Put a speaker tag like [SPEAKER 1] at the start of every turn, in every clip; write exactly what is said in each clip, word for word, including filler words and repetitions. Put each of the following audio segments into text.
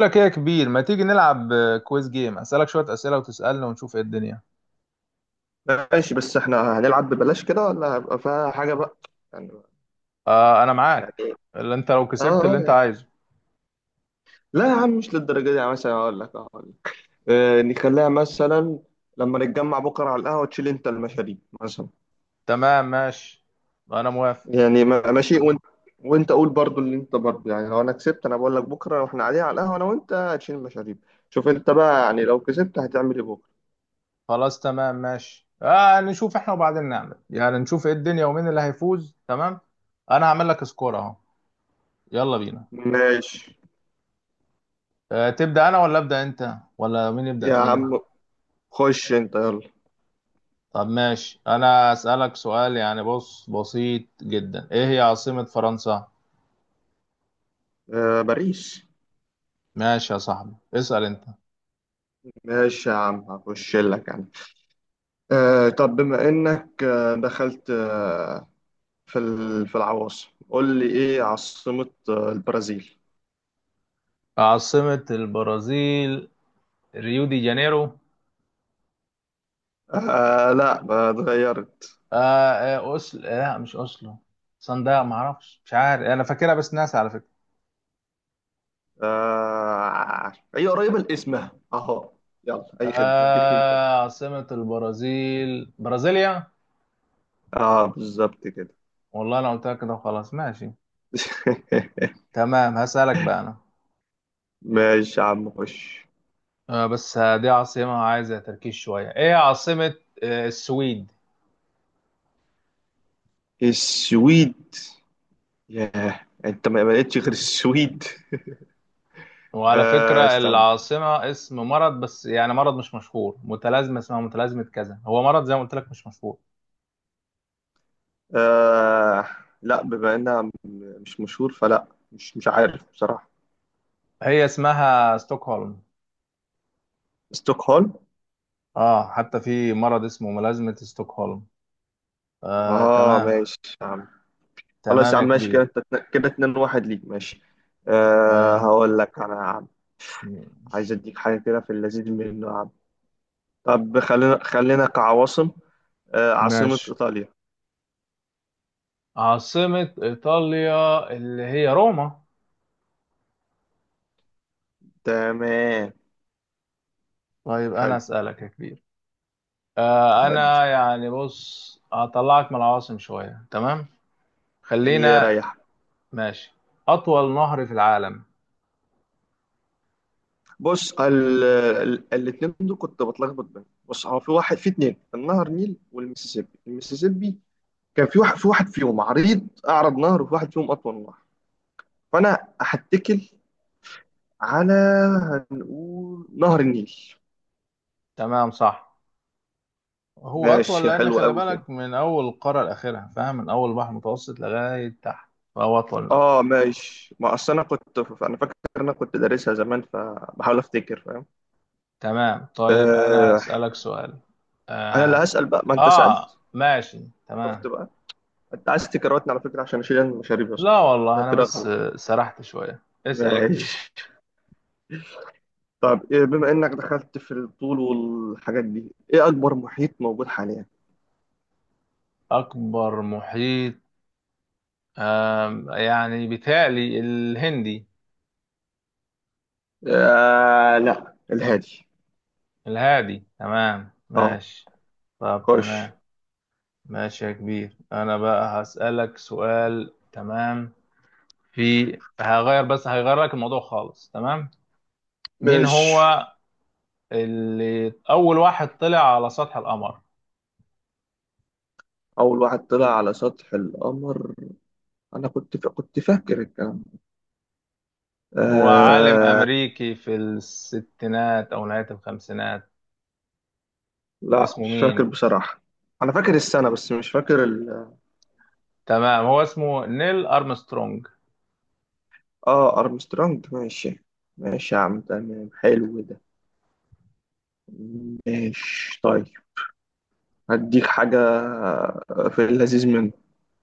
[SPEAKER 1] لك ايه يا كبير؟ ما تيجي نلعب آه، كويز جيم، اسالك شويه اسئله وتسالني ونشوف ايه الدنيا.
[SPEAKER 2] ماشي، بس احنا هنلعب ببلاش كده ولا هيبقى فيها حاجة بقى يعني؟
[SPEAKER 1] آه، انا
[SPEAKER 2] يعني
[SPEAKER 1] معاك.
[SPEAKER 2] ايه؟
[SPEAKER 1] اللي انت لو
[SPEAKER 2] اه،
[SPEAKER 1] كسبت اللي
[SPEAKER 2] اه
[SPEAKER 1] انت
[SPEAKER 2] يعني.
[SPEAKER 1] عايزه.
[SPEAKER 2] لا يا عم، مش للدرجة دي يعني. مثلا اقول لك اقول لك اه نخليها مثلا. لما نتجمع بكرة على القهوة تشيل انت المشاريب مثلا.
[SPEAKER 1] تمام، ماشي، انا موافق.
[SPEAKER 2] يعني ما- ماشي. وانت وانت قول برضو اللي انت برضو يعني، لو انا كسبت انا بقول لك بكرة واحنا قاعدين على القهوة انا وانت هتشيل المشاريب. شوف انت بقى يعني، لو كسبت هتعمل ايه بكرة؟
[SPEAKER 1] خلاص، تمام، ماشي. آه نشوف احنا وبعدين نعمل، يعني نشوف ايه الدنيا ومين اللي هيفوز. تمام. انا هعمل لك سكور اهو. يلا بينا.
[SPEAKER 2] ماشي
[SPEAKER 1] آه تبدا انا ولا ابدا انت ولا مين يبدا
[SPEAKER 2] يا
[SPEAKER 1] فينا؟
[SPEAKER 2] عم، خش انت يلا.
[SPEAKER 1] طب ماشي، انا اسالك سؤال يعني، بص، بسيط جدا. ايه هي عاصمه فرنسا؟
[SPEAKER 2] اه، باريس.
[SPEAKER 1] ماشي يا صاحبي، اسال انت.
[SPEAKER 2] ماشي يا عم، هخش لك انا. آه، طب بما إنك آه، دخلت آه، في ال- في العواصم، قول لي إيه عاصمة آه، البرازيل؟
[SPEAKER 1] عاصمة البرازيل ريو دي جانيرو.
[SPEAKER 2] آه لا آه، اتغيرت.
[SPEAKER 1] آه آه أوسل آه لا، مش أوسلو. صندوق، ما أعرفش، مش عارف، أنا فاكرها بس ناسي على فكرة.
[SPEAKER 2] آه، هي قريبة لاسمها أهو. يلا، أي خدمة، أديك أنت.
[SPEAKER 1] آه، عاصمة البرازيل برازيليا.
[SPEAKER 2] آه بالظبط كده.
[SPEAKER 1] والله أنا قلتها كده وخلاص، ماشي. تمام، هسألك بقى أنا.
[SPEAKER 2] ماشي يا عم، خش.
[SPEAKER 1] آه بس دي عاصمة عايزة تركيز شوية. إيه عاصمة آه السويد؟
[SPEAKER 2] السويد. ياه، أنت ما ما لقيتش غير السويد.
[SPEAKER 1] وعلى
[SPEAKER 2] آه،
[SPEAKER 1] فكرة
[SPEAKER 2] استنى.
[SPEAKER 1] العاصمة اسم مرض، بس يعني مرض مش مشهور، متلازمة اسمها متلازمة كذا، هو مرض زي ما قلت لك مش مشهور.
[SPEAKER 2] آه، لا بما إنها مش مشهور، فلا، مش مش عارف بصراحة.
[SPEAKER 1] هي اسمها ستوكهولم.
[SPEAKER 2] ستوكهولم.
[SPEAKER 1] اه، حتى في مرض اسمه ملازمة ستوكهولم. آه،
[SPEAKER 2] اه
[SPEAKER 1] تمام.
[SPEAKER 2] ماشي يا عم. خلاص
[SPEAKER 1] تمام
[SPEAKER 2] يا
[SPEAKER 1] يا
[SPEAKER 2] عم، ماشي
[SPEAKER 1] كبير.
[SPEAKER 2] كده، انت كده اتنين واحد ليك، ماشي. أه،
[SPEAKER 1] آه،
[SPEAKER 2] هقول لك انا يا عم. عايز
[SPEAKER 1] ماشي
[SPEAKER 2] اديك حاجه كده في اللذيذ منه يا عم. طب خلينا خلينا كعواصم. أه، عاصمه
[SPEAKER 1] ماشي.
[SPEAKER 2] ايطاليا.
[SPEAKER 1] عاصمة إيطاليا اللي هي روما.
[SPEAKER 2] تمام
[SPEAKER 1] طيب، أنا
[SPEAKER 2] حلو.
[SPEAKER 1] أسألك يا كبير. آه
[SPEAKER 2] ودي
[SPEAKER 1] أنا يعني بص، هطلعك من العواصم شوية، تمام.
[SPEAKER 2] اللي
[SPEAKER 1] خلينا،
[SPEAKER 2] يريح.
[SPEAKER 1] ماشي. أطول نهر في العالم؟
[SPEAKER 2] بص، ال... ال... الاتنين دول كنت بتلخبط بينهم. بص، هو في واحد في اتنين، النهر نيل والمسيسيبي. المسيسيبي كان في واحد في واحد فيهم عريض، اعرض نهر، وفي واحد فيهم اطول نهر. فانا هتكل على، هنقول نهر النيل.
[SPEAKER 1] تمام، صح. هو أطول
[SPEAKER 2] ماشي،
[SPEAKER 1] لأن
[SPEAKER 2] حلو
[SPEAKER 1] خلي
[SPEAKER 2] قوي كده.
[SPEAKER 1] بالك، من أول القارة لآخرها، فاهم، من أول بحر متوسط لغاية تحت. فهو أطول نهر.
[SPEAKER 2] اه ماشي، ما اصل انا كنت، انا فاكر انا كنت دارسها زمان فبحاول افتكر، فاهم.
[SPEAKER 1] تمام، طيب انا
[SPEAKER 2] آه،
[SPEAKER 1] هسألك سؤال. اه,
[SPEAKER 2] انا اللي
[SPEAKER 1] هس...
[SPEAKER 2] هسأل بقى، ما انت
[SPEAKER 1] آه،
[SPEAKER 2] سألت.
[SPEAKER 1] ماشي، تمام.
[SPEAKER 2] شفت بقى. انت عايز تكررتني على فكرة عشان اشيل المشاريب يا اسطى.
[SPEAKER 1] لا
[SPEAKER 2] ده
[SPEAKER 1] والله، انا
[SPEAKER 2] كده
[SPEAKER 1] بس
[SPEAKER 2] غلط.
[SPEAKER 1] آه، سرحت شوية. اسأل يا
[SPEAKER 2] ماشي.
[SPEAKER 1] كبير.
[SPEAKER 2] طب إيه، بما انك دخلت في الطول والحاجات دي، ايه اكبر محيط موجود حاليا؟
[SPEAKER 1] اكبر محيط. آه يعني بيتهيألي الهندي.
[SPEAKER 2] آه لا، الهادي.
[SPEAKER 1] الهادي، تمام،
[SPEAKER 2] اه.
[SPEAKER 1] ماشي. طب
[SPEAKER 2] خش.
[SPEAKER 1] تمام. ماشي يا كبير، انا بقى هسألك سؤال، تمام. في هغير، بس هغير لك الموضوع خالص، تمام. مين
[SPEAKER 2] مش
[SPEAKER 1] هو اللي اول واحد طلع على سطح القمر؟
[SPEAKER 2] أول واحد طلع على سطح القمر؟ انا كنت ف... كنت فاكر الكلام ده.
[SPEAKER 1] هو عالم
[SPEAKER 2] آه...
[SPEAKER 1] أمريكي في الستينات أو نهاية الخمسينات.
[SPEAKER 2] لا
[SPEAKER 1] اسمه
[SPEAKER 2] مش
[SPEAKER 1] مين؟
[SPEAKER 2] فاكر بصراحة. انا فاكر السنة بس مش فاكر ال...
[SPEAKER 1] تمام، هو اسمه نيل أرمسترونج.
[SPEAKER 2] اه، ارمسترونج ماشي. ماشي يا عم، تمام حلو ده. ماشي طيب. هديك حاجة في اللذيذ منه.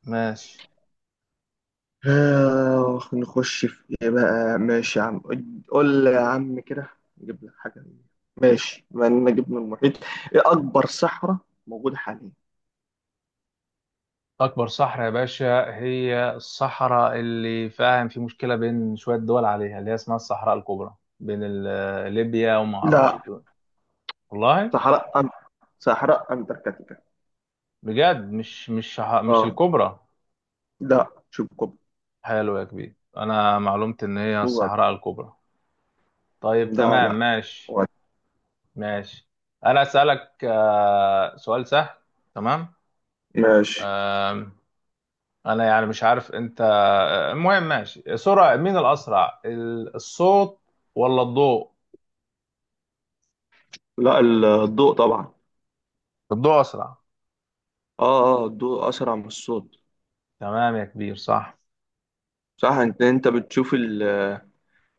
[SPEAKER 1] ماشي.
[SPEAKER 2] آه... نخش في ايه بقى، ماشي يا عم. قول لي يا عم كده، نجيب لك حاجة. ماشي، بما اننا جبنا المحيط، ايه اكبر صحراء موجودة حاليا؟
[SPEAKER 1] أكبر صحراء يا باشا هي الصحراء اللي، فاهم، في مشكلة بين شوية دول عليها، اللي هي اسمها الصحراء الكبرى، بين ال- آه، ليبيا وما أعرفش
[SPEAKER 2] لا،
[SPEAKER 1] دول. والله،
[SPEAKER 2] صحراء أن... صحراء انتاركتيكا.
[SPEAKER 1] بجد، مش مش ح- مش
[SPEAKER 2] اه
[SPEAKER 1] الكبرى.
[SPEAKER 2] لا، شوف كوب.
[SPEAKER 1] حلو يا كبير، أنا معلومتي إن هي
[SPEAKER 2] وعد.
[SPEAKER 1] الصحراء الكبرى. طيب،
[SPEAKER 2] ده
[SPEAKER 1] تمام،
[SPEAKER 2] لا،
[SPEAKER 1] ماشي.
[SPEAKER 2] وعد.
[SPEAKER 1] ماشي، انا اسالك آه، سؤال سهل، تمام.
[SPEAKER 2] ماشي.
[SPEAKER 1] آم، انا يعني مش عارف انت، آه، المهم، ماشي، سرعه مين الاسرع، ال- الصوت ولا الضوء؟
[SPEAKER 2] لا، ال- الضوء طبعا.
[SPEAKER 1] الضوء اسرع.
[SPEAKER 2] اه، اه الضوء اسرع من الصوت.
[SPEAKER 1] تمام يا كبير، صح.
[SPEAKER 2] صح، انت انت بتشوف ال،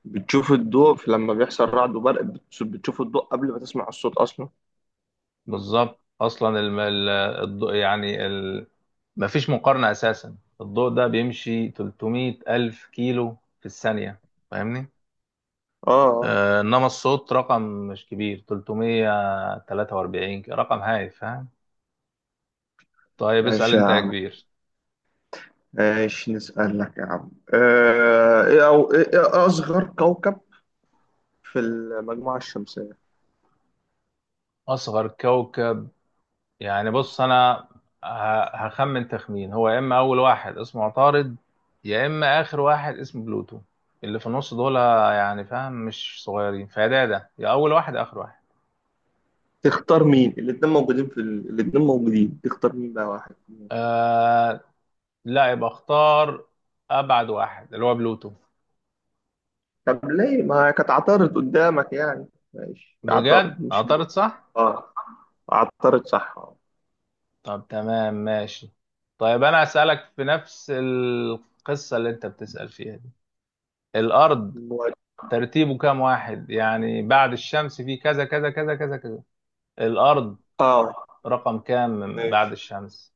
[SPEAKER 2] بتشوف الضوء في- لما بيحصل رعد وبرق، بتش- بتشوف الضوء قبل ما تسمع الصوت اصلا.
[SPEAKER 1] بالظبط، اصلا الم- ال- الضوء يعني، ال... مفيش مقارنه اساسا، الضوء ده بيمشي ثلاث مئة الف كيلو في الثانيه، فاهمني.
[SPEAKER 2] اه، اه
[SPEAKER 1] آه، انما الصوت رقم مش كبير، تلت ميه وتلاتة وأربعين، رقم هايف. طيب، اسأل
[SPEAKER 2] ماشي يا
[SPEAKER 1] انت يا
[SPEAKER 2] عم.
[SPEAKER 1] كبير.
[SPEAKER 2] ماشي، نسألك يا عم، آه ايه او ايه إيه اصغر كوكب في المجموعة الشمسية؟
[SPEAKER 1] اصغر كوكب. يعني بص انا ه- هخمن تخمين. هو يا اما اول واحد اسمه عطارد، يا اما اخر واحد اسمه بلوتو. اللي في النص دول يعني، فاهم، مش صغيرين. فده ده، يا اول واحد يا اخر واحد.
[SPEAKER 2] تختار مين؟ الاتنين موجودين في ال... الاتنين موجودين، تختار مين بقى واحد.
[SPEAKER 1] آه لا، يبقى اختار ابعد واحد اللي هو بلوتو.
[SPEAKER 2] طب ليه ما كانت عطارد قدامك يعني؟ ماشي، عطارد
[SPEAKER 1] بجد،
[SPEAKER 2] مش
[SPEAKER 1] عطارد
[SPEAKER 2] بلون.
[SPEAKER 1] صح.
[SPEAKER 2] اه، عطارد صح اه.
[SPEAKER 1] طب تمام، ماشي. طيب انا اسالك في نفس القصة اللي انت بتسأل فيها دي. الارض
[SPEAKER 2] مواجه.
[SPEAKER 1] ترتيبه كام واحد، يعني بعد الشمس في كذا كذا كذا كذا كذا. الأرض
[SPEAKER 2] اه
[SPEAKER 1] رقم كام من بعد
[SPEAKER 2] ماشي.
[SPEAKER 1] الشمس؟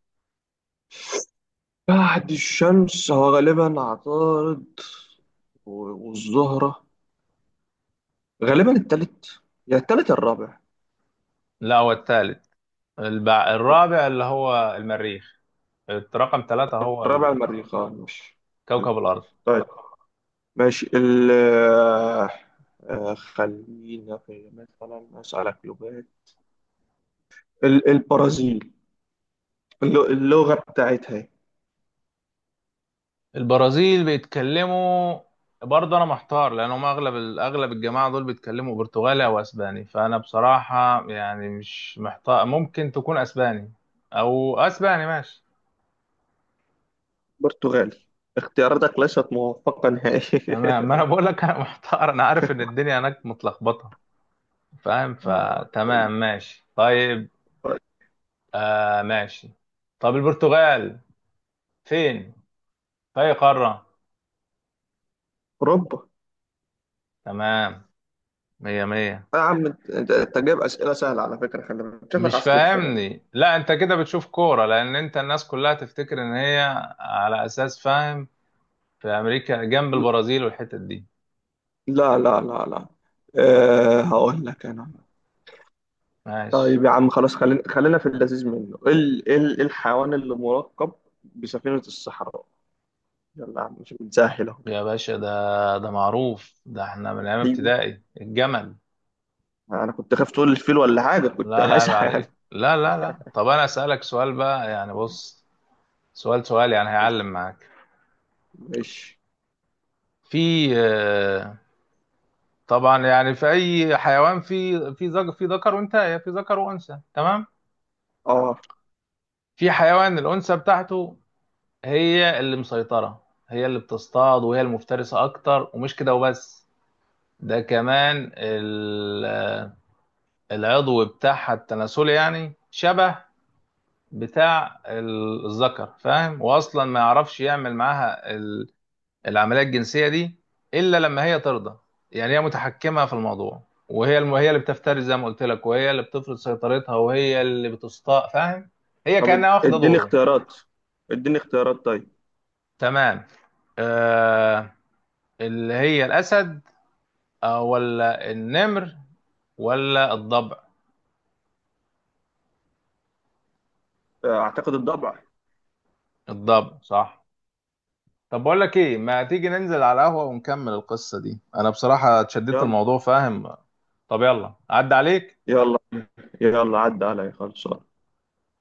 [SPEAKER 2] بعد الشمس هو غالبا عطارد و- والزهرة. غالبا التالت، يا التالت يا الرابع.
[SPEAKER 1] لا، هو الثالث. البع... الرابع اللي هو المريخ. رقم ثلاثة هو
[SPEAKER 2] الرابع
[SPEAKER 1] ال-
[SPEAKER 2] المريخ، اه ماشي. حلو.
[SPEAKER 1] كوكب الأرض.
[SPEAKER 2] طيب، ماشي ال آه، خلينا في مثلا أسألك لغات. ال- البرازيل، اللغ- اللغة بتاعتها إيه؟
[SPEAKER 1] البرازيل بيتكلموا، برضه أنا محتار لأن هم أغلب ال- أغلب الجماعة دول بيتكلموا برتغالي أو أسباني، فأنا بصراحة يعني مش محتار، ممكن تكون أسباني أو أسباني، ماشي.
[SPEAKER 2] برتغالي. اختياراتك ليست موفقة نهائيا.
[SPEAKER 1] تمام، ما أنا بقول لك أنا محتار، أنا عارف إن الدنيا هناك متلخبطة، فاهم، فتمام، ماشي، طيب. آه، ماشي. طب البرتغال فين، في أي قارة؟
[SPEAKER 2] أوروبا.
[SPEAKER 1] تمام، مية مية.
[SPEAKER 2] يا عم أنت، أنت- أنت جايب أسئلة سهلة على فكرة، خلي بالك شكلك
[SPEAKER 1] مش
[SPEAKER 2] عايز تخسر والله.
[SPEAKER 1] فاهمني؟ لا، انت كده بتشوف كورة، لان انت الناس كلها تفتكر ان هي، على اساس، فاهم، في امريكا جنب البرازيل والحتت دي.
[SPEAKER 2] لا، لا، لا، لا. أه، هقول لك أنا.
[SPEAKER 1] ماشي.
[SPEAKER 2] طيب يا عم خلاص، خلينا خلينا في اللذيذ منه. إيه ال- إيه ال- إيه الحيوان اللي مركب بسفينة الصحراء؟ يلا يا عم، مش بتسهل أهو.
[SPEAKER 1] يا باشا، ده ده معروف، ده احنا من ايام
[SPEAKER 2] أيوه.
[SPEAKER 1] ابتدائي، الجمل.
[SPEAKER 2] أنا كنت خايف تقول الفيل ولا حاجة، كنت
[SPEAKER 1] لا لا، عيب
[SPEAKER 2] هسعى يعني.
[SPEAKER 1] عليك، لا لا لا. طب انا اسألك سؤال بقى يعني، بص، سؤال سؤال يعني هيعلم معاك.
[SPEAKER 2] ماشي
[SPEAKER 1] في آه، طبعا يعني في اي حيوان في في ذكر، في ذكر وانثى، في ذكر وانثى، تمام.
[SPEAKER 2] اه.
[SPEAKER 1] في حيوان الانثى بتاعته هي اللي مسيطره، هي اللي بتصطاد وهي المفترسه اكتر، ومش كده وبس، ده كمان ال- آه، العضو بتاعها التناسلي يعني شبه بتاع ال- الذكر، فاهم، واصلا ما يعرفش يعمل معاها العمليه الجنسيه دي الا لما هي ترضى. يعني هي متحكمه في الموضوع، وهي الم... هي اللي بتفترس زي ما قلت لك، وهي اللي بتفرض سيطرتها، وهي اللي بتستاء، فاهم، هي
[SPEAKER 2] طب اد-
[SPEAKER 1] كانها واخده
[SPEAKER 2] اديني
[SPEAKER 1] دوره.
[SPEAKER 2] اختيارات، اديني اختيارات طيب.
[SPEAKER 1] تمام. آه... اللي هي الاسد آه ولا النمر ولا الضبع؟
[SPEAKER 2] اعتقد الضبع.
[SPEAKER 1] الضبع صح. طب بقول لك ايه، ما تيجي ننزل على القهوه ونكمل القصه دي، انا بصراحه اتشددت
[SPEAKER 2] يلا.
[SPEAKER 1] الموضوع، فاهم. طب يلا، عدى عليك.
[SPEAKER 2] يلا، يلا، عدى علي خلصان.